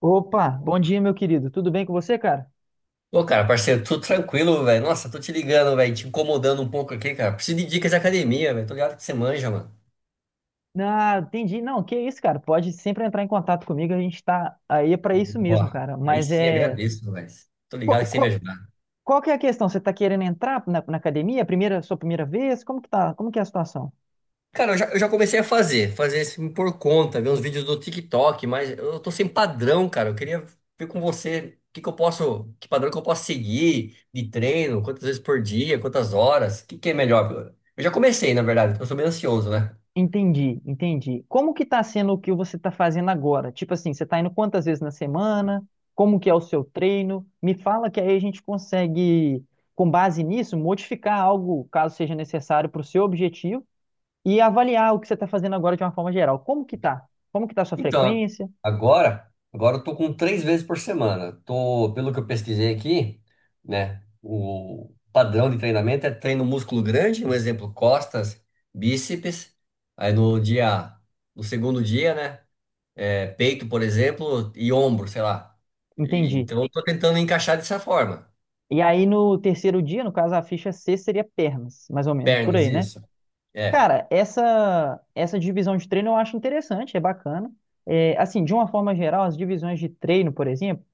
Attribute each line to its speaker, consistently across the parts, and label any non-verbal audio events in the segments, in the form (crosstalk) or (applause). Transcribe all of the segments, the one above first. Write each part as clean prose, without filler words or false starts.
Speaker 1: Opa, bom dia, meu querido. Tudo bem com você, cara?
Speaker 2: Ô, cara, parceiro, tudo tranquilo, velho. Nossa, tô te ligando, velho, te incomodando um pouco aqui, cara. Preciso de dicas de academia, velho. Tô ligado que você manja, mano.
Speaker 1: Ah, entendi. Não, que isso, cara. Pode sempre entrar em contato comigo. A gente tá aí para isso
Speaker 2: Ó,
Speaker 1: mesmo, cara.
Speaker 2: aí
Speaker 1: Mas
Speaker 2: sim,
Speaker 1: é.
Speaker 2: agradeço, velho. Tô
Speaker 1: Qual,
Speaker 2: ligado que você me
Speaker 1: qual,
Speaker 2: ajudar.
Speaker 1: qual que é a questão? Você tá querendo entrar na academia? É primeira, sua primeira vez? Como que tá? Como que é a situação?
Speaker 2: Cara, eu já comecei a fazer assim por conta, ver uns vídeos do TikTok, mas eu tô sem padrão, cara. Eu queria ver com você o que que eu posso, que padrão que eu posso seguir de treino, quantas vezes por dia, quantas horas, o que que é melhor. Eu já comecei, na verdade, porque eu sou meio ansioso, né?
Speaker 1: Entendi. Como que tá sendo o que você tá fazendo agora? Tipo assim, você tá indo quantas vezes na semana? Como que é o seu treino? Me fala que aí a gente consegue, com base nisso, modificar algo, caso seja necessário, para o seu objetivo e avaliar o que você está fazendo agora de uma forma geral. Como que tá? Como que tá a sua
Speaker 2: Então, a-
Speaker 1: frequência?
Speaker 2: agora, agora eu tô com três vezes por semana. Tô, pelo que eu pesquisei aqui, né? O padrão de treinamento é treino músculo grande, um exemplo, costas, bíceps. Aí no dia, No segundo dia, né? É peito, por exemplo, e ombro, sei lá. E
Speaker 1: Entendi.
Speaker 2: então eu tô tentando encaixar dessa forma.
Speaker 1: E aí no terceiro dia, no caso, a ficha C seria pernas, mais ou menos, por
Speaker 2: Pernas,
Speaker 1: aí, né?
Speaker 2: isso. É.
Speaker 1: Cara, essa divisão de treino eu acho interessante, é bacana. É, assim, de uma forma geral, as divisões de treino, por exemplo,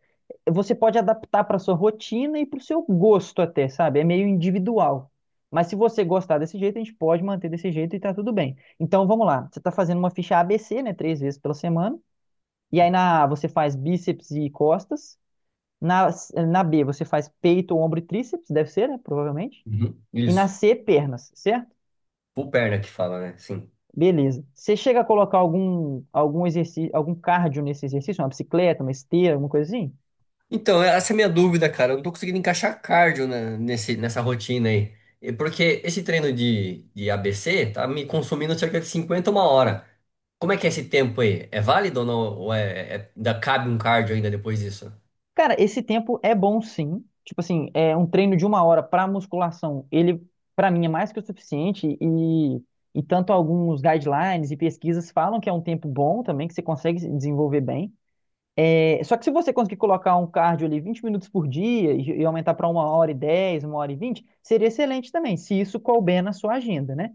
Speaker 1: você pode adaptar para sua rotina e para o seu gosto até, sabe? É meio individual. Mas se você gostar desse jeito, a gente pode manter desse jeito e tá tudo bem. Então, vamos lá. Você está fazendo uma ficha ABC, né? Três vezes pela semana. E aí na A você faz bíceps e costas. Na, na B você faz peito, ombro e tríceps, deve ser, né? Provavelmente.
Speaker 2: Uhum,
Speaker 1: E na
Speaker 2: isso.
Speaker 1: C, pernas, certo?
Speaker 2: Full perna que fala, né? Sim.
Speaker 1: Beleza. Você chega a colocar algum exercício, algum cardio nesse exercício, uma bicicleta, uma esteira, alguma coisa assim?
Speaker 2: Então é, essa é a minha dúvida, cara. Eu não tô conseguindo encaixar cardio nessa rotina aí. E porque esse treino de ABC tá me consumindo cerca de 50 uma hora. Como é que é esse tempo aí? É válido ou não? Ou ainda cabe um cardio ainda depois disso?
Speaker 1: Cara, esse tempo é bom sim. Tipo assim, é um treino de uma hora para musculação, ele para mim é mais que o suficiente e tanto alguns guidelines e pesquisas falam que é um tempo bom também, que você consegue desenvolver bem. É, só que se você conseguir colocar um cardio ali 20 minutos por dia e aumentar para 1 hora e 10, 1 hora e 20, seria excelente também, se isso couber na sua agenda, né?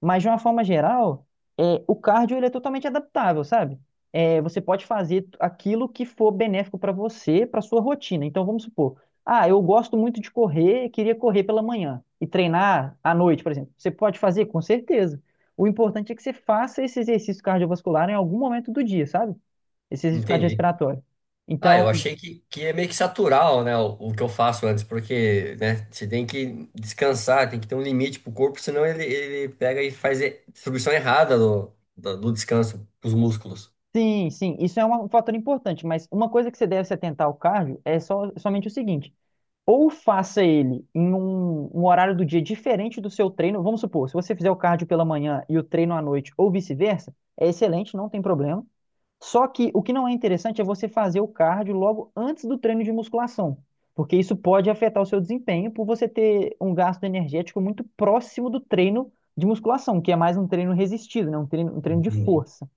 Speaker 1: Mas de uma forma geral, é, o cardio ele é totalmente adaptável, sabe? É, você pode fazer aquilo que for benéfico para você, para sua rotina. Então vamos supor, ah, eu gosto muito de correr, queria correr pela manhã e treinar à noite, por exemplo. Você pode fazer? Com certeza. O importante é que você faça esse exercício cardiovascular em algum momento do dia, sabe? Esse risco
Speaker 2: Entendi.
Speaker 1: cardiorrespiratório.
Speaker 2: Ah,
Speaker 1: Então,
Speaker 2: eu achei que é meio que saturar, né, o que eu faço antes, porque, né, você tem que descansar, tem que ter um limite pro corpo, senão ele pega e faz a distribuição errada do descanso pros músculos.
Speaker 1: sim, isso é uma- um fator importante, mas uma coisa que você deve se atentar ao cardio é só, somente o seguinte: ou faça ele em um horário do dia diferente do seu treino. Vamos supor, se você fizer o cardio pela manhã e o treino à noite, ou vice-versa, é excelente, não tem problema. Só que o que não é interessante é você fazer o cardio logo antes do treino de musculação, porque isso pode afetar o seu desempenho por você ter um gasto energético muito próximo do treino de musculação, que é mais um treino resistido, né? Um treino de
Speaker 2: Entendi.
Speaker 1: força.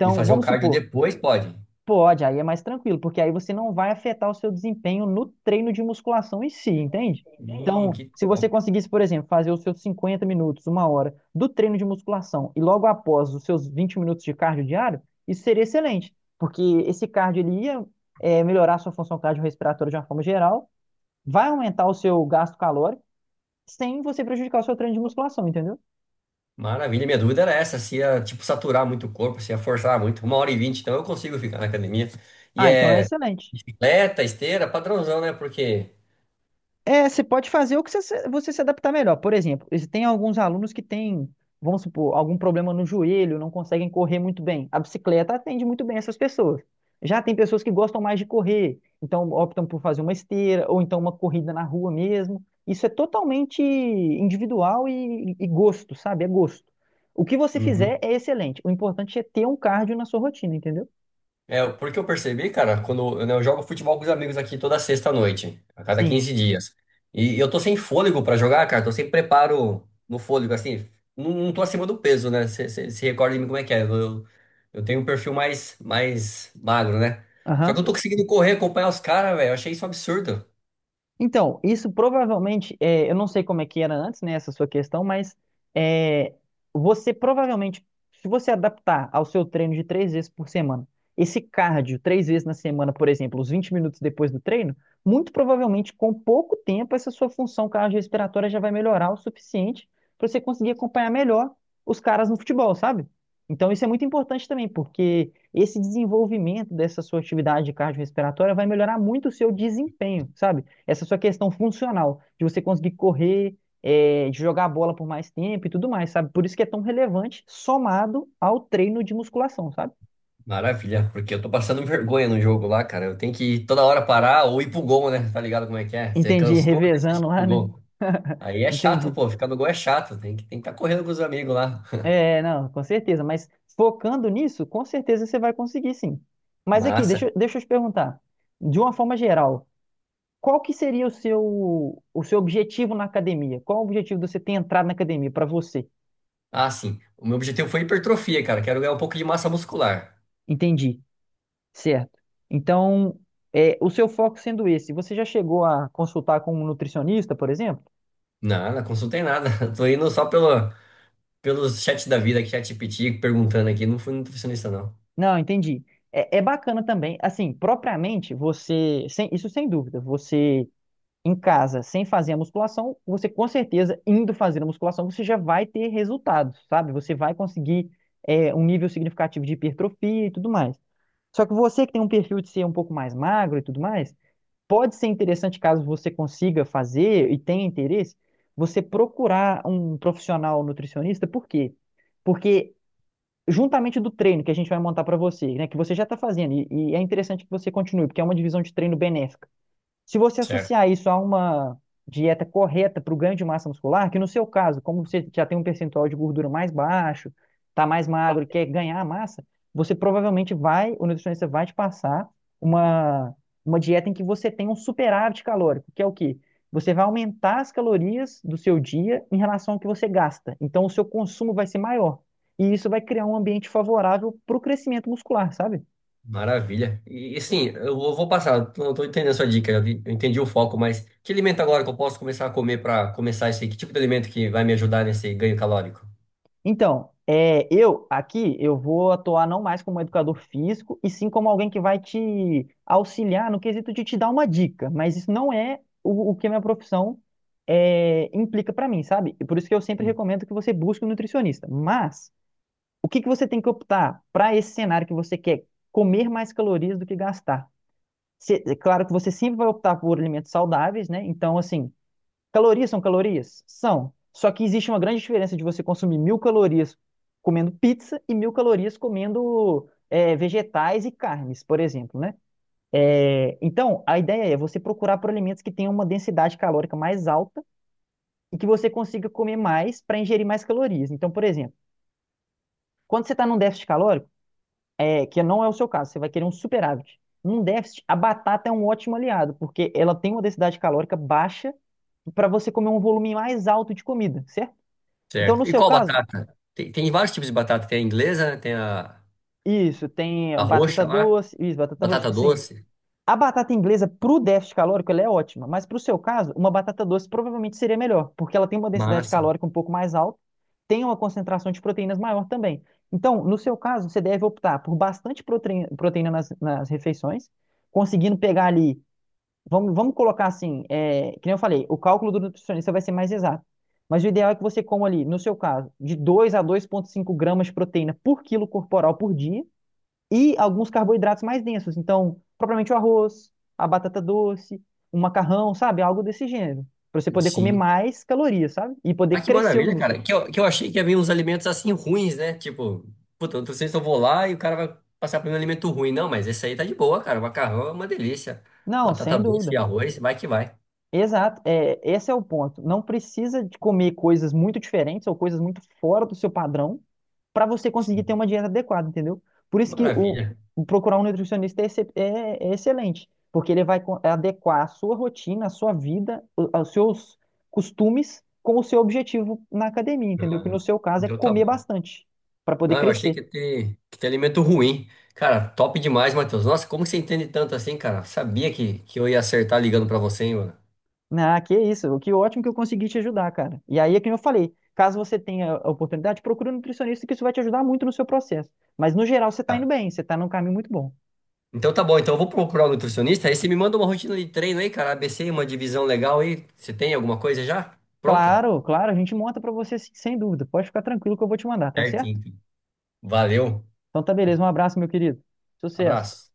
Speaker 2: E fazer o
Speaker 1: vamos
Speaker 2: cardio
Speaker 1: supor,
Speaker 2: depois pode?
Speaker 1: pode, aí é mais tranquilo, porque aí você não vai afetar o seu desempenho no treino de musculação em si, entende?
Speaker 2: Ih,
Speaker 1: Então,
Speaker 2: que
Speaker 1: se você
Speaker 2: top.
Speaker 1: conseguisse, por exemplo, fazer os seus 50 minutos, uma hora do treino de musculação e logo após os seus 20 minutos de cardio diário, isso seria excelente, porque esse cardio ele ia melhorar a sua função cardiorrespiratória de uma forma geral, vai aumentar o seu gasto calórico sem você prejudicar o seu treino de musculação, entendeu?
Speaker 2: Maravilha. Minha dúvida era essa, se ia, tipo, saturar muito o corpo, se ia forçar muito. Uma hora e vinte, então eu consigo ficar na academia. E
Speaker 1: Ah, então é
Speaker 2: é
Speaker 1: excelente.
Speaker 2: bicicleta, esteira, padrãozão, né? Porque...
Speaker 1: É, você pode fazer o que você se adaptar melhor. Por exemplo, esse- tem alguns alunos que têm, vamos supor, algum problema no joelho, não conseguem correr muito bem. A bicicleta atende muito bem essas pessoas. Já tem pessoas que gostam mais de correr, então optam por fazer uma esteira ou então uma corrida na rua mesmo. Isso é totalmente individual e gosto, sabe? É gosto. O que você fizer
Speaker 2: Uhum.
Speaker 1: é excelente. O importante é ter um cardio na sua rotina, entendeu?
Speaker 2: É, porque eu percebi, cara, quando eu, né, eu jogo futebol com os amigos aqui toda sexta à noite, a cada
Speaker 1: Sim.
Speaker 2: 15 dias. E eu tô sem fôlego pra jogar, cara, tô sem preparo no fôlego, assim, não, não tô acima do peso, né? Você se recorda de mim como é que é? Eu tenho um perfil mais magro, né? Só que
Speaker 1: Aham.
Speaker 2: eu tô conseguindo correr, acompanhar os caras, velho, eu achei isso um absurdo.
Speaker 1: Então, isso provavelmente, é, eu não sei como é que era antes, né, essa sua questão, mas é, você provavelmente, se você adaptar ao seu treino de três vezes por semana, esse cardio três vezes na semana, por exemplo, os 20 minutos depois do treino, muito provavelmente com pouco tempo essa sua função cardiorrespiratória já vai melhorar o suficiente para você conseguir acompanhar melhor os caras no futebol, sabe? Então isso é muito importante também, porque esse desenvolvimento dessa sua atividade cardiorrespiratória vai melhorar muito o seu desempenho, sabe? Essa sua questão funcional, de você conseguir correr, é, de jogar a bola por mais tempo e tudo mais, sabe? Por isso que é tão relevante, somado ao treino de musculação, sabe?
Speaker 2: Maravilha, porque eu tô passando (laughs) vergonha no jogo lá, cara. Eu tenho que toda hora parar ou ir pro gol, né? Tá ligado como é que é? Você
Speaker 1: Entendi, (laughs)
Speaker 2: cansou, tem que ir
Speaker 1: revezando
Speaker 2: pro
Speaker 1: lá, né?
Speaker 2: gol.
Speaker 1: (laughs)
Speaker 2: Aí é chato,
Speaker 1: Entendi.
Speaker 2: pô. Ficar no gol é chato. Tem que tá correndo com os amigos lá.
Speaker 1: É, não, com certeza, mas focando nisso, com certeza você vai conseguir sim. Mas aqui,
Speaker 2: Massa.
Speaker 1: deixa eu te perguntar, de uma forma geral, qual que seria o seu objetivo na academia? Qual o objetivo de você ter entrado na academia para você?
Speaker 2: Ah, sim. O meu objetivo foi hipertrofia, cara. Quero ganhar um pouco de massa muscular.
Speaker 1: Entendi. Certo. Então, é, o seu foco sendo esse, você já chegou a consultar com um nutricionista, por exemplo?
Speaker 2: Não, na consulta tem nada. (laughs) Tô indo só pelo, pelos chats da vida, chat ChatGPT, perguntando aqui. Não fui nutricionista, não.
Speaker 1: Não, entendi. É, é bacana também, assim, propriamente você, sem- isso sem dúvida, você em casa, sem fazer a musculação, você com certeza, indo fazer a musculação, você já vai ter resultados, sabe? Você vai conseguir é, um nível significativo de hipertrofia e tudo mais. Só que você que tem um perfil de ser um pouco mais magro e tudo mais, pode ser interessante caso você consiga fazer e tenha interesse, você procurar um profissional nutricionista, por quê? Porque juntamente do treino que a gente vai montar para você, né, que você já está fazendo, e é interessante que você continue, porque é uma divisão de treino benéfica. Se você
Speaker 2: Certo.
Speaker 1: associar isso a uma dieta correta para o ganho de massa muscular, que no seu caso, como você já tem um percentual de gordura mais baixo, está mais magro e quer ganhar massa, você provavelmente vai, o nutricionista vai te passar uma, uma dieta em que você tem um superávit calórico, que é o quê? Você vai aumentar as calorias do seu dia em relação ao que você gasta. Então, o seu consumo vai ser maior. E isso vai criar um ambiente favorável para o crescimento muscular, sabe?
Speaker 2: Maravilha. E assim, eu vou passar. Eu tô, tô entendendo a sua dica. Eu entendi o foco, mas que alimento agora que eu posso começar a comer pra começar isso aí? Que tipo de alimento que vai me ajudar nesse ganho calórico?
Speaker 1: Então, é, eu aqui eu vou atuar não mais como educador físico, e sim como alguém que vai te auxiliar no quesito de te dar uma dica, mas isso não é o que a minha profissão é, implica para mim, sabe? E por isso que eu sempre recomendo que você busque um nutricionista. Mas o que que você tem que optar para esse cenário que você quer comer mais calorias do que gastar? Cê- é claro que você sempre vai optar por alimentos saudáveis, né? Então, assim, calorias são calorias? São. Só que existe uma grande diferença de você consumir 1.000 calorias comendo pizza e 1.000 calorias comendo é, vegetais e carnes, por exemplo, né? É, então, a ideia é você procurar por alimentos que tenham uma densidade calórica mais alta e que você consiga comer mais para ingerir mais calorias. Então, por exemplo, quando você está num déficit calórico, é, que não é o seu caso, você vai querer um superávit. Num déficit, a batata é um ótimo aliado, porque ela tem uma densidade calórica baixa para você comer um volume mais alto de comida, certo? Então,
Speaker 2: Certo.
Speaker 1: no
Speaker 2: E
Speaker 1: seu
Speaker 2: qual
Speaker 1: caso,
Speaker 2: batata? Tem vários tipos de batata. Tem a inglesa, tem a...
Speaker 1: isso, tem
Speaker 2: A
Speaker 1: batata
Speaker 2: roxa lá,
Speaker 1: doce, isso, batata roxa,
Speaker 2: batata
Speaker 1: sim.
Speaker 2: doce,
Speaker 1: A batata inglesa pro déficit calórico, ela é ótima, mas pro seu caso, uma batata doce provavelmente seria melhor, porque ela tem uma densidade
Speaker 2: massa,
Speaker 1: calórica um pouco mais alta, tem uma concentração de proteínas maior também. Então, no seu caso, você deve optar por bastante proteína, proteína nas refeições, conseguindo pegar ali. Vamos colocar assim, é, que nem eu falei, o cálculo do nutricionista vai ser mais exato. Mas o ideal é que você coma ali, no seu caso, de 2 a 2,5 gramas de proteína por quilo corporal por dia e alguns carboidratos mais densos. Então, propriamente o arroz, a batata doce, o macarrão, sabe? Algo desse gênero. Para você poder comer
Speaker 2: sim.
Speaker 1: mais calorias, sabe? E poder
Speaker 2: Ah, que
Speaker 1: crescer os
Speaker 2: maravilha, cara.
Speaker 1: músculos.
Speaker 2: Que eu achei que ia vir uns alimentos assim ruins, né? Tipo, puta, eu não sei se eu vou lá e o cara vai passar por um alimento ruim. Não, mas esse aí tá de boa, cara. O macarrão é uma delícia.
Speaker 1: Não,
Speaker 2: Batata
Speaker 1: sem
Speaker 2: doce
Speaker 1: dúvida.
Speaker 2: e arroz, vai.
Speaker 1: Exato, é, esse é o ponto. Não precisa de comer coisas muito diferentes ou coisas muito fora do seu padrão para você conseguir ter uma dieta adequada, entendeu? Por
Speaker 2: Que
Speaker 1: isso que o,
Speaker 2: maravilha.
Speaker 1: o procurar um nutricionista é, excep- é- é excelente, porque ele vai co- adequar a sua rotina, a sua vida, o- aos seus costumes com o seu objetivo na academia, entendeu? Que
Speaker 2: Ah,
Speaker 1: no seu caso é
Speaker 2: então tá
Speaker 1: comer
Speaker 2: bom.
Speaker 1: bastante para poder
Speaker 2: Não, eu achei que
Speaker 1: crescer.
Speaker 2: ia ter, que ter alimento ruim. Cara, top demais, Matheus. Nossa, como que você entende tanto assim, cara? Sabia que eu ia acertar ligando pra você, hein, mano?
Speaker 1: Ah, que isso. Que ótimo que eu consegui te ajudar, cara. E aí é que eu falei, caso você tenha a oportunidade, procure um nutricionista que isso vai te ajudar muito no seu processo. Mas no geral você tá indo
Speaker 2: Tá.
Speaker 1: bem, você tá num caminho muito bom.
Speaker 2: Então tá bom, então eu vou procurar um nutricionista. Aí você me manda uma rotina de treino aí, cara. ABC, uma divisão legal aí. Você tem alguma coisa já? Pronta?
Speaker 1: Claro, a gente monta pra você sim, sem dúvida. Pode ficar tranquilo que eu vou te mandar, tá
Speaker 2: Certo,
Speaker 1: certo?
Speaker 2: então. Valeu.
Speaker 1: Então tá beleza, um abraço, meu querido. Sucesso.
Speaker 2: Abraço.